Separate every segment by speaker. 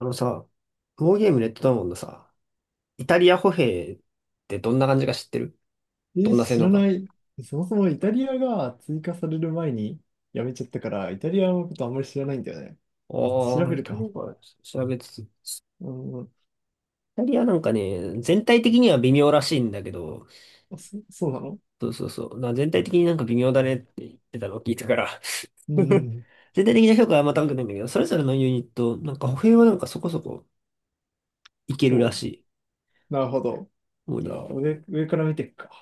Speaker 1: あのさ、ウォーゲームレッドダウンのさ、イタリア歩兵ってどんな感じか知ってる？ど
Speaker 2: え、
Speaker 1: んな性
Speaker 2: 知
Speaker 1: 能
Speaker 2: らな
Speaker 1: か。
Speaker 2: い。そもそもイタリアが追加される前にやめちゃったから、イタリアのことあんまり知らないんだよね。調
Speaker 1: ああ、
Speaker 2: べ
Speaker 1: イ
Speaker 2: る
Speaker 1: タリア
Speaker 2: か。
Speaker 1: か、調べつつ。イ
Speaker 2: うん、
Speaker 1: タリアなんかね、全体的には微妙らしいんだけど、
Speaker 2: あ、そうなの？
Speaker 1: そうそうそう、全体的になんか微妙だねって言ってたのを聞いたから。
Speaker 2: うんうん。
Speaker 1: 全体的な評価はあんま高くないんだけど、それぞれのユニット、なんか歩兵はなんかそこそこいけるら
Speaker 2: お、
Speaker 1: しい。
Speaker 2: なるほど。
Speaker 1: もう
Speaker 2: じ
Speaker 1: な
Speaker 2: ゃ
Speaker 1: ん
Speaker 2: あ、
Speaker 1: か
Speaker 2: 上から見ていくか。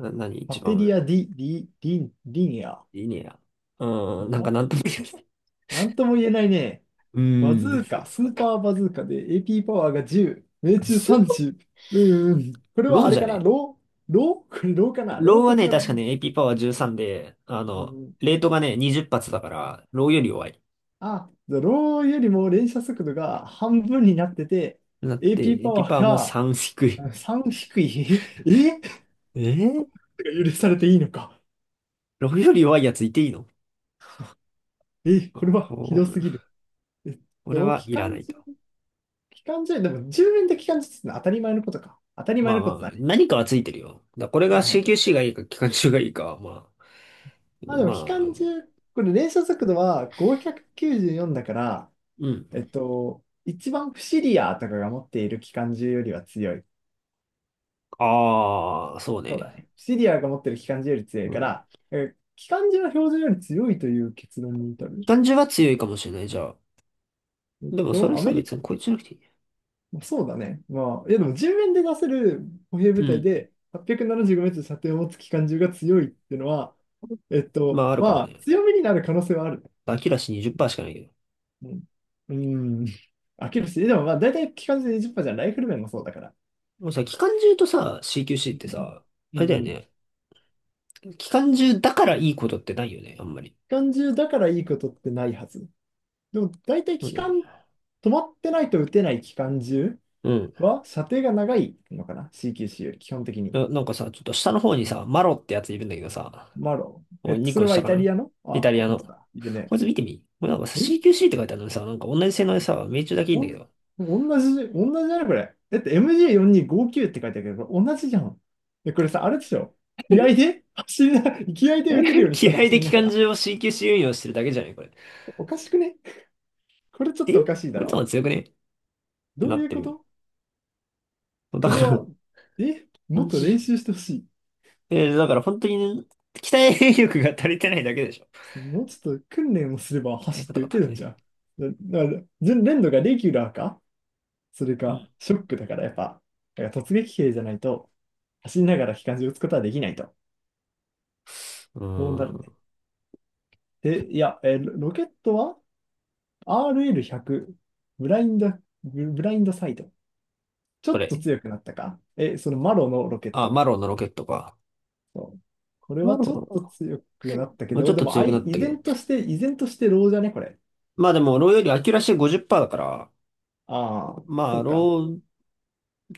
Speaker 1: 何
Speaker 2: パ
Speaker 1: 一番
Speaker 2: テ
Speaker 1: 上。
Speaker 2: リア・ディ、リニア。
Speaker 1: いいねや。
Speaker 2: こ
Speaker 1: うん、
Speaker 2: れ
Speaker 1: なんか
Speaker 2: は
Speaker 1: なんとも言えない。
Speaker 2: なんとも言えないね。
Speaker 1: う
Speaker 2: バズ
Speaker 1: ーん、
Speaker 2: ー
Speaker 1: そう
Speaker 2: カ、
Speaker 1: です
Speaker 2: ス
Speaker 1: かっ
Speaker 2: ー
Speaker 1: て。
Speaker 2: パーバズーカで AP パワーが10、命中
Speaker 1: ス
Speaker 2: 30。うんうん。これは
Speaker 1: ロー
Speaker 2: あれ
Speaker 1: じゃ
Speaker 2: かな、
Speaker 1: ね？
Speaker 2: ロー、これローかな、ロ
Speaker 1: ロー
Speaker 2: ー
Speaker 1: は
Speaker 2: と比
Speaker 1: ね、
Speaker 2: べて、
Speaker 1: 確かね、AP パワー13で、
Speaker 2: うん。
Speaker 1: レートがね、20発だから、ローより弱い。
Speaker 2: あ、ローよりも連射速度が半分になってて、
Speaker 1: なって、
Speaker 2: AP パ
Speaker 1: AP
Speaker 2: ワ
Speaker 1: パ
Speaker 2: ー
Speaker 1: ワーも
Speaker 2: が、
Speaker 1: 3低い。
Speaker 2: うん、3低い。え、
Speaker 1: えー、
Speaker 2: 許されていいのか。
Speaker 1: ローより弱いやついていいの？
Speaker 2: え、これはひ
Speaker 1: こ
Speaker 2: どす
Speaker 1: う、
Speaker 2: ぎる。えっ
Speaker 1: これ
Speaker 2: と、
Speaker 1: は
Speaker 2: 機
Speaker 1: いらな
Speaker 2: 関
Speaker 1: い
Speaker 2: 銃、
Speaker 1: と。
Speaker 2: 機関銃、でも10連で機関銃ってのは当たり前のことか。当たり
Speaker 1: ま
Speaker 2: 前
Speaker 1: あ
Speaker 2: の
Speaker 1: ま
Speaker 2: こと
Speaker 1: あ、
Speaker 2: だね。
Speaker 1: 何かはついてるよ。だこれ
Speaker 2: な
Speaker 1: が
Speaker 2: るほど。
Speaker 1: CQC がいいか、機関銃がいいかは、ま
Speaker 2: ま
Speaker 1: あ、
Speaker 2: あ、でも
Speaker 1: ま
Speaker 2: 機関銃、
Speaker 1: あ、
Speaker 2: これ連射速度は594だから、
Speaker 1: うん。
Speaker 2: 一番不思リアとかが持っている機関銃よりは強い。
Speaker 1: ああ、そう
Speaker 2: そうだ
Speaker 1: ね。
Speaker 2: ね。シリアが持ってる機関銃より強い
Speaker 1: う
Speaker 2: か
Speaker 1: ん。
Speaker 2: ら、機関銃は標準より強いという結論に至
Speaker 1: 機
Speaker 2: る。
Speaker 1: 関銃は強いかもしれない、じゃあ。でもそれ
Speaker 2: ア
Speaker 1: さ、
Speaker 2: メリ
Speaker 1: 別
Speaker 2: カ、
Speaker 1: にこいつじゃなくていいね？
Speaker 2: まあそうだね。まあ、いやでも人面で出せる歩兵
Speaker 1: う
Speaker 2: 部隊
Speaker 1: ん。
Speaker 2: で 875m 射程を持つ機関銃が強いっていうのは、
Speaker 1: まあ、あるかも
Speaker 2: まあ、
Speaker 1: ね。
Speaker 2: 強みになる可能性はある。
Speaker 1: アキラシ20%しかないけど。
Speaker 2: うん。うん。飽きるし、でもまあ、大体機関銃で20%じゅっパーセントじゃん、ライフル面もそうだから。
Speaker 1: もうさ、期間中とさ、CQC
Speaker 2: う
Speaker 1: って
Speaker 2: ん。
Speaker 1: さ、あ
Speaker 2: う
Speaker 1: れ
Speaker 2: ん
Speaker 1: だよ
Speaker 2: うん。機
Speaker 1: ね。期間中だからいいことってないよね、あんまり。
Speaker 2: 関銃だからいいことってないはず。でも、大体
Speaker 1: う
Speaker 2: 機
Speaker 1: ん。
Speaker 2: 関、止まってないと撃てない機関銃
Speaker 1: うん。
Speaker 2: は、射程が長いのかな？ CQC より基本的に。
Speaker 1: なんかさ、ちょっと下の方にさ、マロってやついるんだけどさ、
Speaker 2: マロ。
Speaker 1: もう2
Speaker 2: そ
Speaker 1: 個
Speaker 2: れは
Speaker 1: 下
Speaker 2: イ
Speaker 1: か
Speaker 2: タリ
Speaker 1: な？
Speaker 2: アの、あ
Speaker 1: イ
Speaker 2: あ、
Speaker 1: タリア
Speaker 2: 本
Speaker 1: の。
Speaker 2: 当だ。いるね。
Speaker 1: こいつ見てみ。もうなんかさ、
Speaker 2: え
Speaker 1: CQC って書いてあるのにさ、なんか同じ性能でさ、命中だけいいん
Speaker 2: お
Speaker 1: だけ
Speaker 2: ん、
Speaker 1: ど。
Speaker 2: 同じだね、これ。だって MJ4259 って書いてあるけど、これ同じじゃん。え、これさ、あれでしょ。気合で走りな、気合で打てるよう にし
Speaker 1: 気
Speaker 2: たら
Speaker 1: 合
Speaker 2: 走
Speaker 1: で
Speaker 2: り
Speaker 1: 期
Speaker 2: なが
Speaker 1: 間
Speaker 2: ら。
Speaker 1: 中を CQC 運用してるだけじゃないこれ？
Speaker 2: おかしくね？これちょっ
Speaker 1: え
Speaker 2: とおかしいだ
Speaker 1: こいつの
Speaker 2: ろ
Speaker 1: 方が強くね？っ
Speaker 2: う。
Speaker 1: て
Speaker 2: ど
Speaker 1: な
Speaker 2: う
Speaker 1: っ
Speaker 2: いう
Speaker 1: て
Speaker 2: こ
Speaker 1: る
Speaker 2: と？
Speaker 1: よ。だ
Speaker 2: それ
Speaker 1: から、
Speaker 2: は、も
Speaker 1: 感
Speaker 2: っと
Speaker 1: じ。
Speaker 2: 練習してほし
Speaker 1: だから本当にね、鍛え力が足りてないだけでしょ。
Speaker 2: い。もうちょっと訓練をすれば
Speaker 1: 鍛え
Speaker 2: 走っ
Speaker 1: 方
Speaker 2: て
Speaker 1: が
Speaker 2: 打て
Speaker 1: 足
Speaker 2: る
Speaker 1: り
Speaker 2: ん
Speaker 1: ない。
Speaker 2: じゃん。だから、レンドがレギュラーか？それ
Speaker 1: う
Speaker 2: か、
Speaker 1: ん。
Speaker 2: ショックだからやっぱ、だから突撃兵じゃないと、走りながら機関銃撃つことはできないと。
Speaker 1: う
Speaker 2: そうな
Speaker 1: ー
Speaker 2: るね。
Speaker 1: ん。
Speaker 2: で、いや、ロケットは RL100、ブラインド、ブラインドサイド。ちょ
Speaker 1: こ
Speaker 2: っと
Speaker 1: れ。
Speaker 2: 強くなったか？そのマロのロケッ
Speaker 1: あ、
Speaker 2: ト。
Speaker 1: マロンのロケットか。
Speaker 2: そう、これ
Speaker 1: マ
Speaker 2: は
Speaker 1: ロ
Speaker 2: ちょっと
Speaker 1: ン。
Speaker 2: 強くなったけ
Speaker 1: まあ、ちょ
Speaker 2: ど、
Speaker 1: っ
Speaker 2: で
Speaker 1: と
Speaker 2: も、
Speaker 1: 強くなった
Speaker 2: 依
Speaker 1: けど。
Speaker 2: 然として、依然としてローじゃね、これ。
Speaker 1: まあでも、ローよりアキュラシー50%だから、
Speaker 2: ああ、
Speaker 1: ま
Speaker 2: そ
Speaker 1: あ、
Speaker 2: うか。
Speaker 1: ロー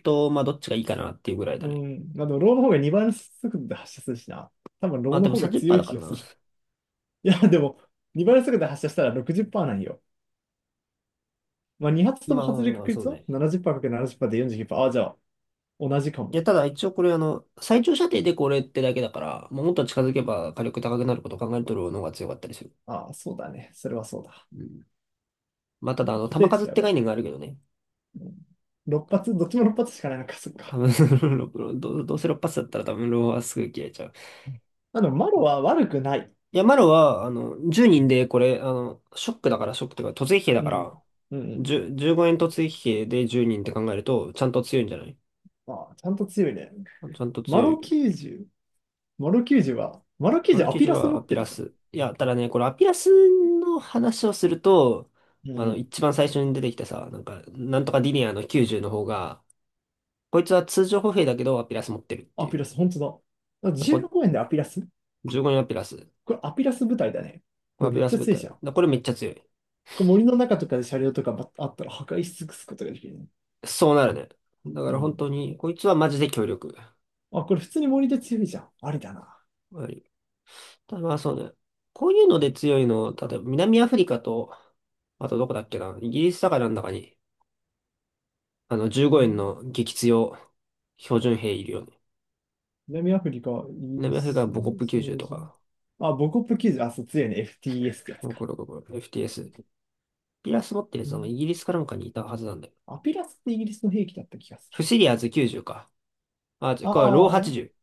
Speaker 1: と、まあ、どっちがいいかなっていうぐらい
Speaker 2: う
Speaker 1: だね。
Speaker 2: ん。まあ、でもローの方が2倍の速度で発射するしな。多分ロ
Speaker 1: まあ
Speaker 2: ー
Speaker 1: で
Speaker 2: の
Speaker 1: も
Speaker 2: 方が強い
Speaker 1: 30%
Speaker 2: 気
Speaker 1: だか
Speaker 2: が
Speaker 1: ら
Speaker 2: す
Speaker 1: な。
Speaker 2: る。いや、でも、2倍速度で発射したら60%なんよ。まあ、2発と
Speaker 1: ま
Speaker 2: も
Speaker 1: あまあ
Speaker 2: 外れる
Speaker 1: まあ、
Speaker 2: 確
Speaker 1: そう
Speaker 2: 率は
Speaker 1: ね。
Speaker 2: 70%×70% で49%。ああ、じゃあ、同じか
Speaker 1: い
Speaker 2: も。
Speaker 1: や、ただ一応これ最長射程でこれってだけだから、もうもっと近づけば火力高くなることを考えるとローの方が強かったりする。
Speaker 2: ああ、そうだね。それはそうだ。
Speaker 1: うん。まあただ
Speaker 2: 固
Speaker 1: 弾
Speaker 2: 定値
Speaker 1: 数っ
Speaker 2: で上
Speaker 1: て
Speaker 2: がる。
Speaker 1: 概念があるけどね。
Speaker 2: 6発、どっちも6発しかないのか、そっ
Speaker 1: 多
Speaker 2: か。
Speaker 1: 分 どうせ6発だったら多分ローはすぐ消えちゃう。
Speaker 2: マロは悪くない。
Speaker 1: いや、マロは、10人で、これ、ショックだから、ショックというか、突撃兵だ
Speaker 2: う
Speaker 1: か
Speaker 2: ん。
Speaker 1: ら、
Speaker 2: うんうん。
Speaker 1: 10、15円突撃兵で10人って考えると、ちゃんと強いんじゃない？
Speaker 2: ああ、ちゃんと強いね。
Speaker 1: ちゃんと
Speaker 2: マ
Speaker 1: 強
Speaker 2: ロ
Speaker 1: い。
Speaker 2: 90。マロ90は、マロ
Speaker 1: マル
Speaker 2: 90ア
Speaker 1: キ
Speaker 2: ピ
Speaker 1: ジュ
Speaker 2: ラス
Speaker 1: は
Speaker 2: 持
Speaker 1: ア
Speaker 2: っ
Speaker 1: ピ
Speaker 2: てる
Speaker 1: ラ
Speaker 2: じゃん。
Speaker 1: ス。いや、ただね、これアピラスの話をすると、
Speaker 2: うんうん。
Speaker 1: 一番最初に出てきたさ、なんか、なんとかディニアの90の方が、こいつは通常歩兵だけど、アピラス持ってるって
Speaker 2: ア
Speaker 1: い
Speaker 2: ピ
Speaker 1: う。
Speaker 2: ラス、本当だ。だか
Speaker 1: だこ
Speaker 2: 15円でアピラス。
Speaker 1: 15円アピラス。
Speaker 2: これアピラス部隊だね。
Speaker 1: こ
Speaker 2: こ
Speaker 1: れア
Speaker 2: れ
Speaker 1: ピ
Speaker 2: めっ
Speaker 1: ラス
Speaker 2: ちゃ
Speaker 1: 部
Speaker 2: 強いじゃ
Speaker 1: 隊。
Speaker 2: ん。
Speaker 1: だこれめっちゃ強い。
Speaker 2: 森の中とかで車両とかばあったら破壊し尽くすことができるね。
Speaker 1: そうなるね。だか
Speaker 2: う
Speaker 1: ら本
Speaker 2: ん。
Speaker 1: 当に、こいつはマジで強力。
Speaker 2: あ、これ普通に森で強いじゃん。ありだな。
Speaker 1: ただまあそうね。こういうので強いの、例えば南アフリカと、あとどこだっけな、イギリスだからなんだかに、あの15
Speaker 2: う
Speaker 1: 円
Speaker 2: ん。
Speaker 1: の激強標準兵いるよね。
Speaker 2: 南アフリカ、イギリ
Speaker 1: 南アフリカ
Speaker 2: ス、
Speaker 1: はボコップ
Speaker 2: そ
Speaker 1: 90
Speaker 2: う
Speaker 1: と
Speaker 2: じゃん。
Speaker 1: か、
Speaker 2: あ、ボコップ90、あ、そう、強いね。FTS ってやつ
Speaker 1: ゴロ
Speaker 2: か。
Speaker 1: ゴロゴロエフティ FTS。ピラス持ってる
Speaker 2: う
Speaker 1: やつは
Speaker 2: ん。
Speaker 1: イギリスかなんかにいたはずなんだよ。
Speaker 2: アピラスってイギリスの兵器だった気がする。
Speaker 1: フシリアーズ90か。あ、違うこれはロー
Speaker 2: あ
Speaker 1: 80。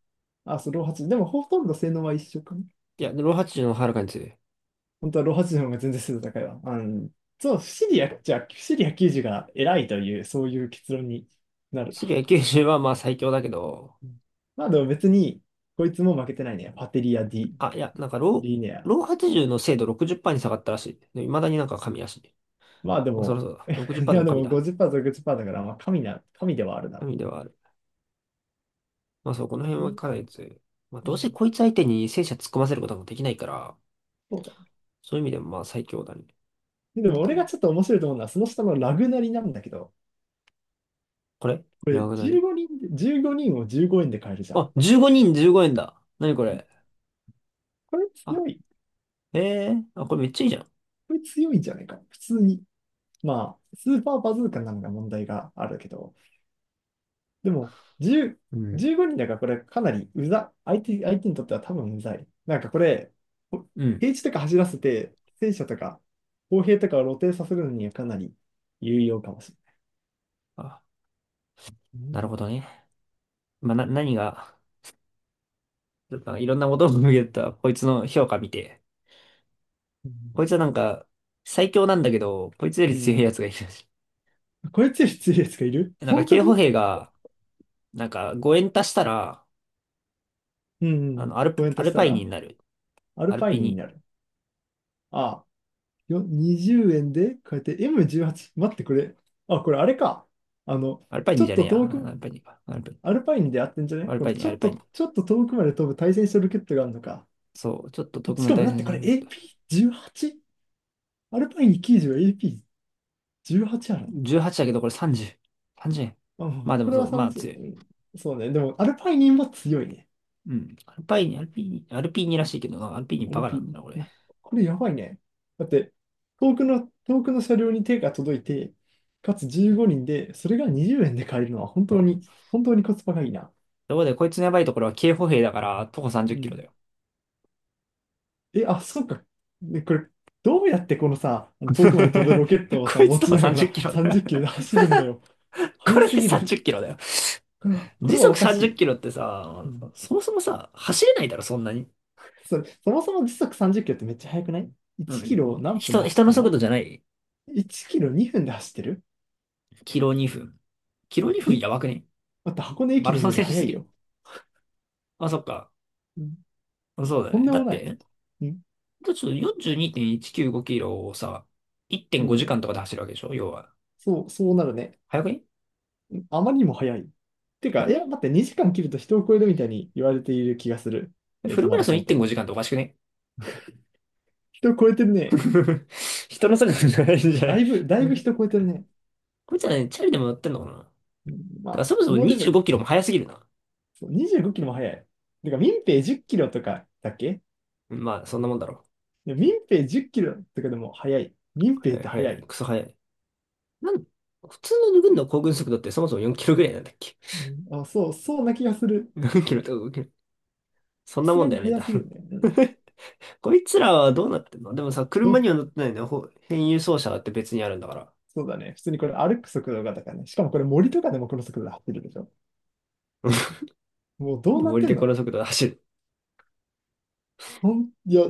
Speaker 2: あ、あ、そう、ロー8。でもほとんど性能は一緒かな。
Speaker 1: いや、ロー80の方がはるかに強い。フ
Speaker 2: 本当はローハチの方が全然精度高いわ。うん。そう、シリア、じゃあ、シリア90が偉いという、そういう結論になる。
Speaker 1: シリア90はまあ最強だけど、
Speaker 2: うん。まあでも別に、こいつも負けてないね。パテリア・ディ・
Speaker 1: あ、いや、なんかロー、
Speaker 2: リネア。
Speaker 1: ロー80の精度60%に下がったらしい。で、未だになんか神らしい。
Speaker 2: まあで
Speaker 1: まあそろ
Speaker 2: も、
Speaker 1: そろだ。
Speaker 2: いやで
Speaker 1: 60%でも神
Speaker 2: も
Speaker 1: だ。
Speaker 2: 50%、60%だから、まあ神な、神ではあるな。
Speaker 1: 神ではある。まあそう、この辺
Speaker 2: う
Speaker 1: は
Speaker 2: ん。
Speaker 1: かなり強い。まあ
Speaker 2: う
Speaker 1: どうせ
Speaker 2: ん。
Speaker 1: こいつ相手に戦車突っ込ませることもできないから、
Speaker 2: そう
Speaker 1: そういう意味でもまあ最強だね。
Speaker 2: だ。でも
Speaker 1: 多
Speaker 2: 俺が
Speaker 1: 分、
Speaker 2: ちょっと面白いと思うのは、その下のラグナリなんだけど、
Speaker 1: これ
Speaker 2: こ
Speaker 1: ラ
Speaker 2: れ
Speaker 1: グナ
Speaker 2: 15
Speaker 1: リ。
Speaker 2: 人で、15人を15円で買えるじゃん。
Speaker 1: あ、15人15円だ。なにこれ。
Speaker 2: これ
Speaker 1: あ、
Speaker 2: 強い。
Speaker 1: え、え、あ、これめっちゃいいじゃん。
Speaker 2: これ強いんじゃないか。普通に。まあ、スーパーバズーカなのが問題があるけど、でも、10、
Speaker 1: うん。
Speaker 2: 15人だからこれかなり相手にとっては多分うざい。なんかこれ、
Speaker 1: うん。
Speaker 2: 平地とか走らせて、戦車とか、砲兵とかを露呈させるのにはかなり有用かもし
Speaker 1: あ、
Speaker 2: れない。
Speaker 1: なるほどね。まあな、何が、ちょっといろんなことを見ると、こいつの評価見て。
Speaker 2: うん。
Speaker 1: こいつはなんか、最強なんだけど、こいつよ
Speaker 2: う
Speaker 1: り強い
Speaker 2: ん
Speaker 1: やつがいるらしい。
Speaker 2: うん、これ強いつより強いやつがいる、
Speaker 1: なんか、
Speaker 2: 本当
Speaker 1: 警歩
Speaker 2: に。
Speaker 1: 兵が、なんか5円足したら、
Speaker 2: うんうん。コメン
Speaker 1: ア
Speaker 2: トし
Speaker 1: ル
Speaker 2: た
Speaker 1: パイニ
Speaker 2: ら、
Speaker 1: になる。
Speaker 2: ア
Speaker 1: ア
Speaker 2: ル
Speaker 1: ル
Speaker 2: パイ
Speaker 1: ピ
Speaker 2: ニーに
Speaker 1: ニ。
Speaker 2: なる。ああ、20円で、こうやって M18。待って、これ。あ、これあれか。あの、
Speaker 1: アルパイ
Speaker 2: ち
Speaker 1: ニ
Speaker 2: ょ
Speaker 1: じ
Speaker 2: っ
Speaker 1: ゃねえ
Speaker 2: と
Speaker 1: や。
Speaker 2: 遠
Speaker 1: ア
Speaker 2: く、
Speaker 1: ルパイニか。アルパイニ。
Speaker 2: アルパイニーでやってんじゃな
Speaker 1: ア
Speaker 2: い？
Speaker 1: ル
Speaker 2: この、
Speaker 1: パイニ、
Speaker 2: ち
Speaker 1: ア
Speaker 2: ょ
Speaker 1: ル
Speaker 2: っ
Speaker 1: パイニ。
Speaker 2: と、ちょっと遠くまで飛ぶ対戦車ロケットがあるのか。
Speaker 1: そう、ちょっと特
Speaker 2: あ、し
Speaker 1: 務
Speaker 2: かも、
Speaker 1: 対
Speaker 2: だっ
Speaker 1: 戦
Speaker 2: て
Speaker 1: し
Speaker 2: こ
Speaker 1: な
Speaker 2: れ
Speaker 1: きゃいけない。
Speaker 2: AP18？ アルパイニー90は AP18 あるの？
Speaker 1: 18だけどこれ30。30円。
Speaker 2: まあ、
Speaker 1: まあでもそ
Speaker 2: 黒
Speaker 1: う、
Speaker 2: 田さ
Speaker 1: ま
Speaker 2: ん
Speaker 1: あ
Speaker 2: ですよね。
Speaker 1: 強い。
Speaker 2: うん。そうね。でも、アルパイニンは強いね。
Speaker 1: うん。アルパイニ、アルピーニ、アルピーニらしいけどな、アルピーニ
Speaker 2: ア
Speaker 1: バ
Speaker 2: ル
Speaker 1: カ
Speaker 2: ピ
Speaker 1: な
Speaker 2: ー
Speaker 1: んだ
Speaker 2: ニ。
Speaker 1: な、こ
Speaker 2: う
Speaker 1: れ。
Speaker 2: ん。これやばいね。だって、遠くの車両に手が届いて、かつ15人で、それが20円で買えるのは本
Speaker 1: そ
Speaker 2: 当
Speaker 1: う。
Speaker 2: に、本当にコスパがいいな。
Speaker 1: ところで、こいつのやばいところは警歩兵だから、徒歩30
Speaker 2: う
Speaker 1: キロだ
Speaker 2: ん。
Speaker 1: よ。
Speaker 2: え、あ、そうか。で、これ、どうやってこのさ、遠くまで飛ぶ ロケットをさ、
Speaker 1: こいつ
Speaker 2: 持
Speaker 1: 徒
Speaker 2: ち
Speaker 1: 歩
Speaker 2: なが
Speaker 1: 30キ
Speaker 2: ら
Speaker 1: ロだ
Speaker 2: 30
Speaker 1: よ。
Speaker 2: キロで走るんだよ。
Speaker 1: こ
Speaker 2: 速
Speaker 1: れ
Speaker 2: す
Speaker 1: で
Speaker 2: ぎる。
Speaker 1: 30キロだよ。
Speaker 2: これは、これ
Speaker 1: 時
Speaker 2: はお
Speaker 1: 速
Speaker 2: かし
Speaker 1: 30キ
Speaker 2: い。
Speaker 1: ロってさ、
Speaker 2: うん、
Speaker 1: そもそもさ、走れないだろ、そんなに。
Speaker 2: そもそも時速30キロってめっちゃ速くない？
Speaker 1: う
Speaker 2: 1 キロ
Speaker 1: ん。
Speaker 2: を何分で
Speaker 1: 人、
Speaker 2: 走っ
Speaker 1: 人の
Speaker 2: てん
Speaker 1: 速
Speaker 2: だ？
Speaker 1: 度じゃない。
Speaker 2: 1キロ2分で走ってる？
Speaker 1: キロ2分。キロ2
Speaker 2: え
Speaker 1: 分やばくね？
Speaker 2: だって箱根
Speaker 1: マ
Speaker 2: 駅
Speaker 1: ラ
Speaker 2: 伝
Speaker 1: ソン
Speaker 2: より
Speaker 1: 選手
Speaker 2: 速
Speaker 1: す
Speaker 2: い
Speaker 1: ぎる。
Speaker 2: よ。
Speaker 1: あ、そっか。
Speaker 2: うん。
Speaker 1: そうだ
Speaker 2: とん
Speaker 1: ね。
Speaker 2: で
Speaker 1: だ
Speaker 2: も
Speaker 1: っ
Speaker 2: な
Speaker 1: て、
Speaker 2: い。
Speaker 1: だって
Speaker 2: うん。
Speaker 1: ちょっと42.195キロをさ、1.5
Speaker 2: う
Speaker 1: 時
Speaker 2: ん。
Speaker 1: 間とかで走るわけでしょ要は。
Speaker 2: そうなるね。
Speaker 1: 早くね？
Speaker 2: うん。あまりにも速い。て
Speaker 1: 早
Speaker 2: か、い
Speaker 1: く
Speaker 2: や、
Speaker 1: ね？
Speaker 2: 待って、2時間切ると人を超えるみたいに言われている気がする。
Speaker 1: フルマ
Speaker 2: マ
Speaker 1: ラ
Speaker 2: ラ
Speaker 1: ソン
Speaker 2: ソンっ
Speaker 1: 1.5
Speaker 2: て。
Speaker 1: 時間っておかしくね？
Speaker 2: 人を超えてるね。
Speaker 1: 人のそれぞれじゃないんじゃな
Speaker 2: だ
Speaker 1: い？
Speaker 2: いぶ、だいぶ 人を超えてるね。
Speaker 1: こいつらね、チャリでも乗ってんのかな？だか
Speaker 2: うん、ま
Speaker 1: ら
Speaker 2: あ、
Speaker 1: そもそ
Speaker 2: そ
Speaker 1: も
Speaker 2: のレベ
Speaker 1: 25
Speaker 2: ル。
Speaker 1: キロも速すぎるな。
Speaker 2: そう、25キロも速い。てか、民兵10キロとかだっけ？
Speaker 1: まあ、そんなもんだろ
Speaker 2: で、民兵10キロとかでも速い。民
Speaker 1: う。
Speaker 2: 兵
Speaker 1: は
Speaker 2: っ
Speaker 1: い、
Speaker 2: て速
Speaker 1: はい、
Speaker 2: い。
Speaker 1: クソ速い。なん、普通の軍の行軍速度ってそもそも4キロぐらいなんだっけ？
Speaker 2: うん、あ、そう、そうな気がする。
Speaker 1: 4 キロとか5キロ。そ
Speaker 2: さ
Speaker 1: んな
Speaker 2: す
Speaker 1: も
Speaker 2: が
Speaker 1: ん
Speaker 2: に
Speaker 1: だよね。
Speaker 2: 速すぎるね。うん。
Speaker 1: こいつらはどうなってんの？でもさ、車に
Speaker 2: ど、
Speaker 1: は乗ってないのよ。ほ変輸送車だって別にあるんだから。
Speaker 2: そうだね。普通にこれ歩く速度がだからね。しかもこれ森とかでもこの速度で走るでしょ。もう
Speaker 1: なん
Speaker 2: どう
Speaker 1: で
Speaker 2: なっ
Speaker 1: 森
Speaker 2: てん
Speaker 1: でこの
Speaker 2: の？
Speaker 1: 速度で走る？
Speaker 2: いや、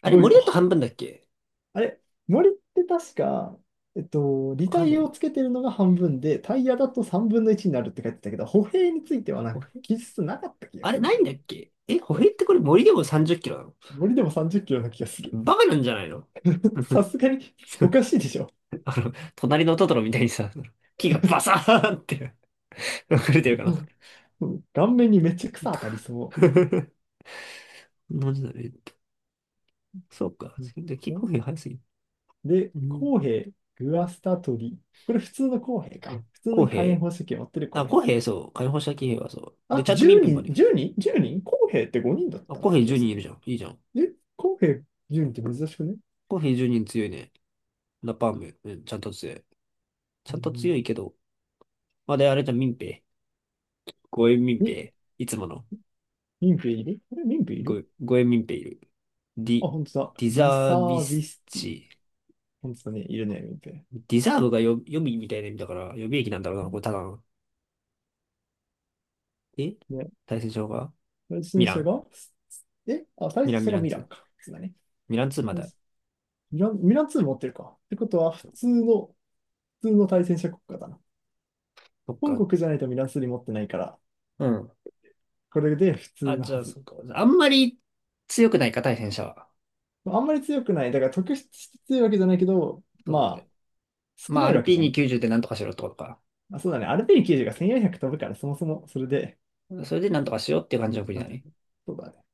Speaker 1: あ
Speaker 2: す
Speaker 1: れ、
Speaker 2: ごい
Speaker 1: 森
Speaker 2: わ。
Speaker 1: だと半分だっけ？
Speaker 2: あれ、森って確か、えっと、
Speaker 1: なん
Speaker 2: 履
Speaker 1: かある
Speaker 2: 帯
Speaker 1: よ
Speaker 2: を
Speaker 1: ね。
Speaker 2: つけてるのが半分で、タイヤだと3分の1になるって書いてたけど、歩兵についてはな
Speaker 1: 歩
Speaker 2: んか
Speaker 1: 兵
Speaker 2: 記述なかった気が
Speaker 1: あれ、
Speaker 2: するん
Speaker 1: な
Speaker 2: だ
Speaker 1: いん
Speaker 2: よ
Speaker 1: だ
Speaker 2: ね。
Speaker 1: っけ？歩
Speaker 2: そ
Speaker 1: 兵っ
Speaker 2: う、
Speaker 1: てこれ森でも30キロなの？
Speaker 2: 森でも30キロな気がする。
Speaker 1: バカなんじゃないの？
Speaker 2: さすがにおかしいでしょ。
Speaker 1: 隣のトトロみたいにさ、木がバサーンって 溢れてるか
Speaker 2: う
Speaker 1: な。
Speaker 2: ん。うん、顔面にめっちゃ草当たりそ
Speaker 1: なんでだねって。そうか。
Speaker 2: う。
Speaker 1: で、木
Speaker 2: う
Speaker 1: 歩
Speaker 2: ん。
Speaker 1: 兵早すぎる。
Speaker 2: で、
Speaker 1: うん。
Speaker 2: 公平、グアスタトリ。これ普通の公平か。普通
Speaker 1: 公
Speaker 2: の火炎
Speaker 1: 兵？
Speaker 2: 放射器を持ってる公
Speaker 1: あ、
Speaker 2: 平。
Speaker 1: 公兵そう。解放した騎兵はそう。
Speaker 2: あ
Speaker 1: で、ち
Speaker 2: と
Speaker 1: ゃんと民
Speaker 2: 10
Speaker 1: 兵ま
Speaker 2: 人、
Speaker 1: で。
Speaker 2: 10人？ 10 人公平って5人だっ
Speaker 1: あ、
Speaker 2: た
Speaker 1: 公平
Speaker 2: 気が
Speaker 1: 10
Speaker 2: す
Speaker 1: 人
Speaker 2: る
Speaker 1: い
Speaker 2: ね。
Speaker 1: るじゃん。いいじゃん。
Speaker 2: え、公平10人って珍しくね？
Speaker 1: コーヒー1に人強いね。ラパーム、うん、ちゃんと強い。ち
Speaker 2: う
Speaker 1: ゃんと強
Speaker 2: ん、
Speaker 1: いけど。まあ、あれじゃん、民兵。ゴエ民
Speaker 2: み、え
Speaker 1: 兵。いつもの。
Speaker 2: 民兵いる？これ民兵いる？
Speaker 1: ゴエ民兵いる。デ
Speaker 2: あ、
Speaker 1: ィ、
Speaker 2: 本当だ。
Speaker 1: ディ
Speaker 2: リ
Speaker 1: ザ
Speaker 2: サ
Speaker 1: ービ
Speaker 2: ービ
Speaker 1: ス
Speaker 2: スティ。
Speaker 1: チ。
Speaker 2: 本当だね。いるね、民兵。
Speaker 1: ディザーブがよ予備みたいな意味だから、予備役なんだろうな、これただの。え
Speaker 2: ね、
Speaker 1: 対戦場が
Speaker 2: 対
Speaker 1: ミ
Speaker 2: 戦
Speaker 1: ラ
Speaker 2: 者
Speaker 1: ン。
Speaker 2: が、え、あ、対
Speaker 1: ミ
Speaker 2: 戦
Speaker 1: ラン、
Speaker 2: 者
Speaker 1: ミ
Speaker 2: が
Speaker 1: ラン
Speaker 2: ミラ
Speaker 1: ツー
Speaker 2: ンか。そうだね。
Speaker 1: ミランツーまだ。
Speaker 2: ミラン2持ってるか。ってことは、普通の、対戦者国家だな。
Speaker 1: そっ
Speaker 2: 本
Speaker 1: か。
Speaker 2: 国じゃないとミランスリ持ってないから、
Speaker 1: うん。
Speaker 2: これで普通
Speaker 1: あ、
Speaker 2: の
Speaker 1: じゃ
Speaker 2: は
Speaker 1: あ、
Speaker 2: ず。
Speaker 1: そっか。あんまり強くないか、対戦者は。
Speaker 2: あんまり強くない。だから特筆して強いわけじゃないけど、
Speaker 1: そうだ
Speaker 2: ま
Speaker 1: ね。
Speaker 2: あ、少
Speaker 1: まあ、
Speaker 2: な
Speaker 1: ア
Speaker 2: いわ
Speaker 1: ル
Speaker 2: け
Speaker 1: ピー
Speaker 2: じゃ
Speaker 1: ニ
Speaker 2: ん。
Speaker 1: 90でなんとかしろってことか。
Speaker 2: あ、そうだね。アルペン90が1400飛ぶから、そもそもそれで、
Speaker 1: それでなんとかしようっていう感じの国
Speaker 2: なん
Speaker 1: だ
Speaker 2: だ。
Speaker 1: ね。
Speaker 2: そうだね。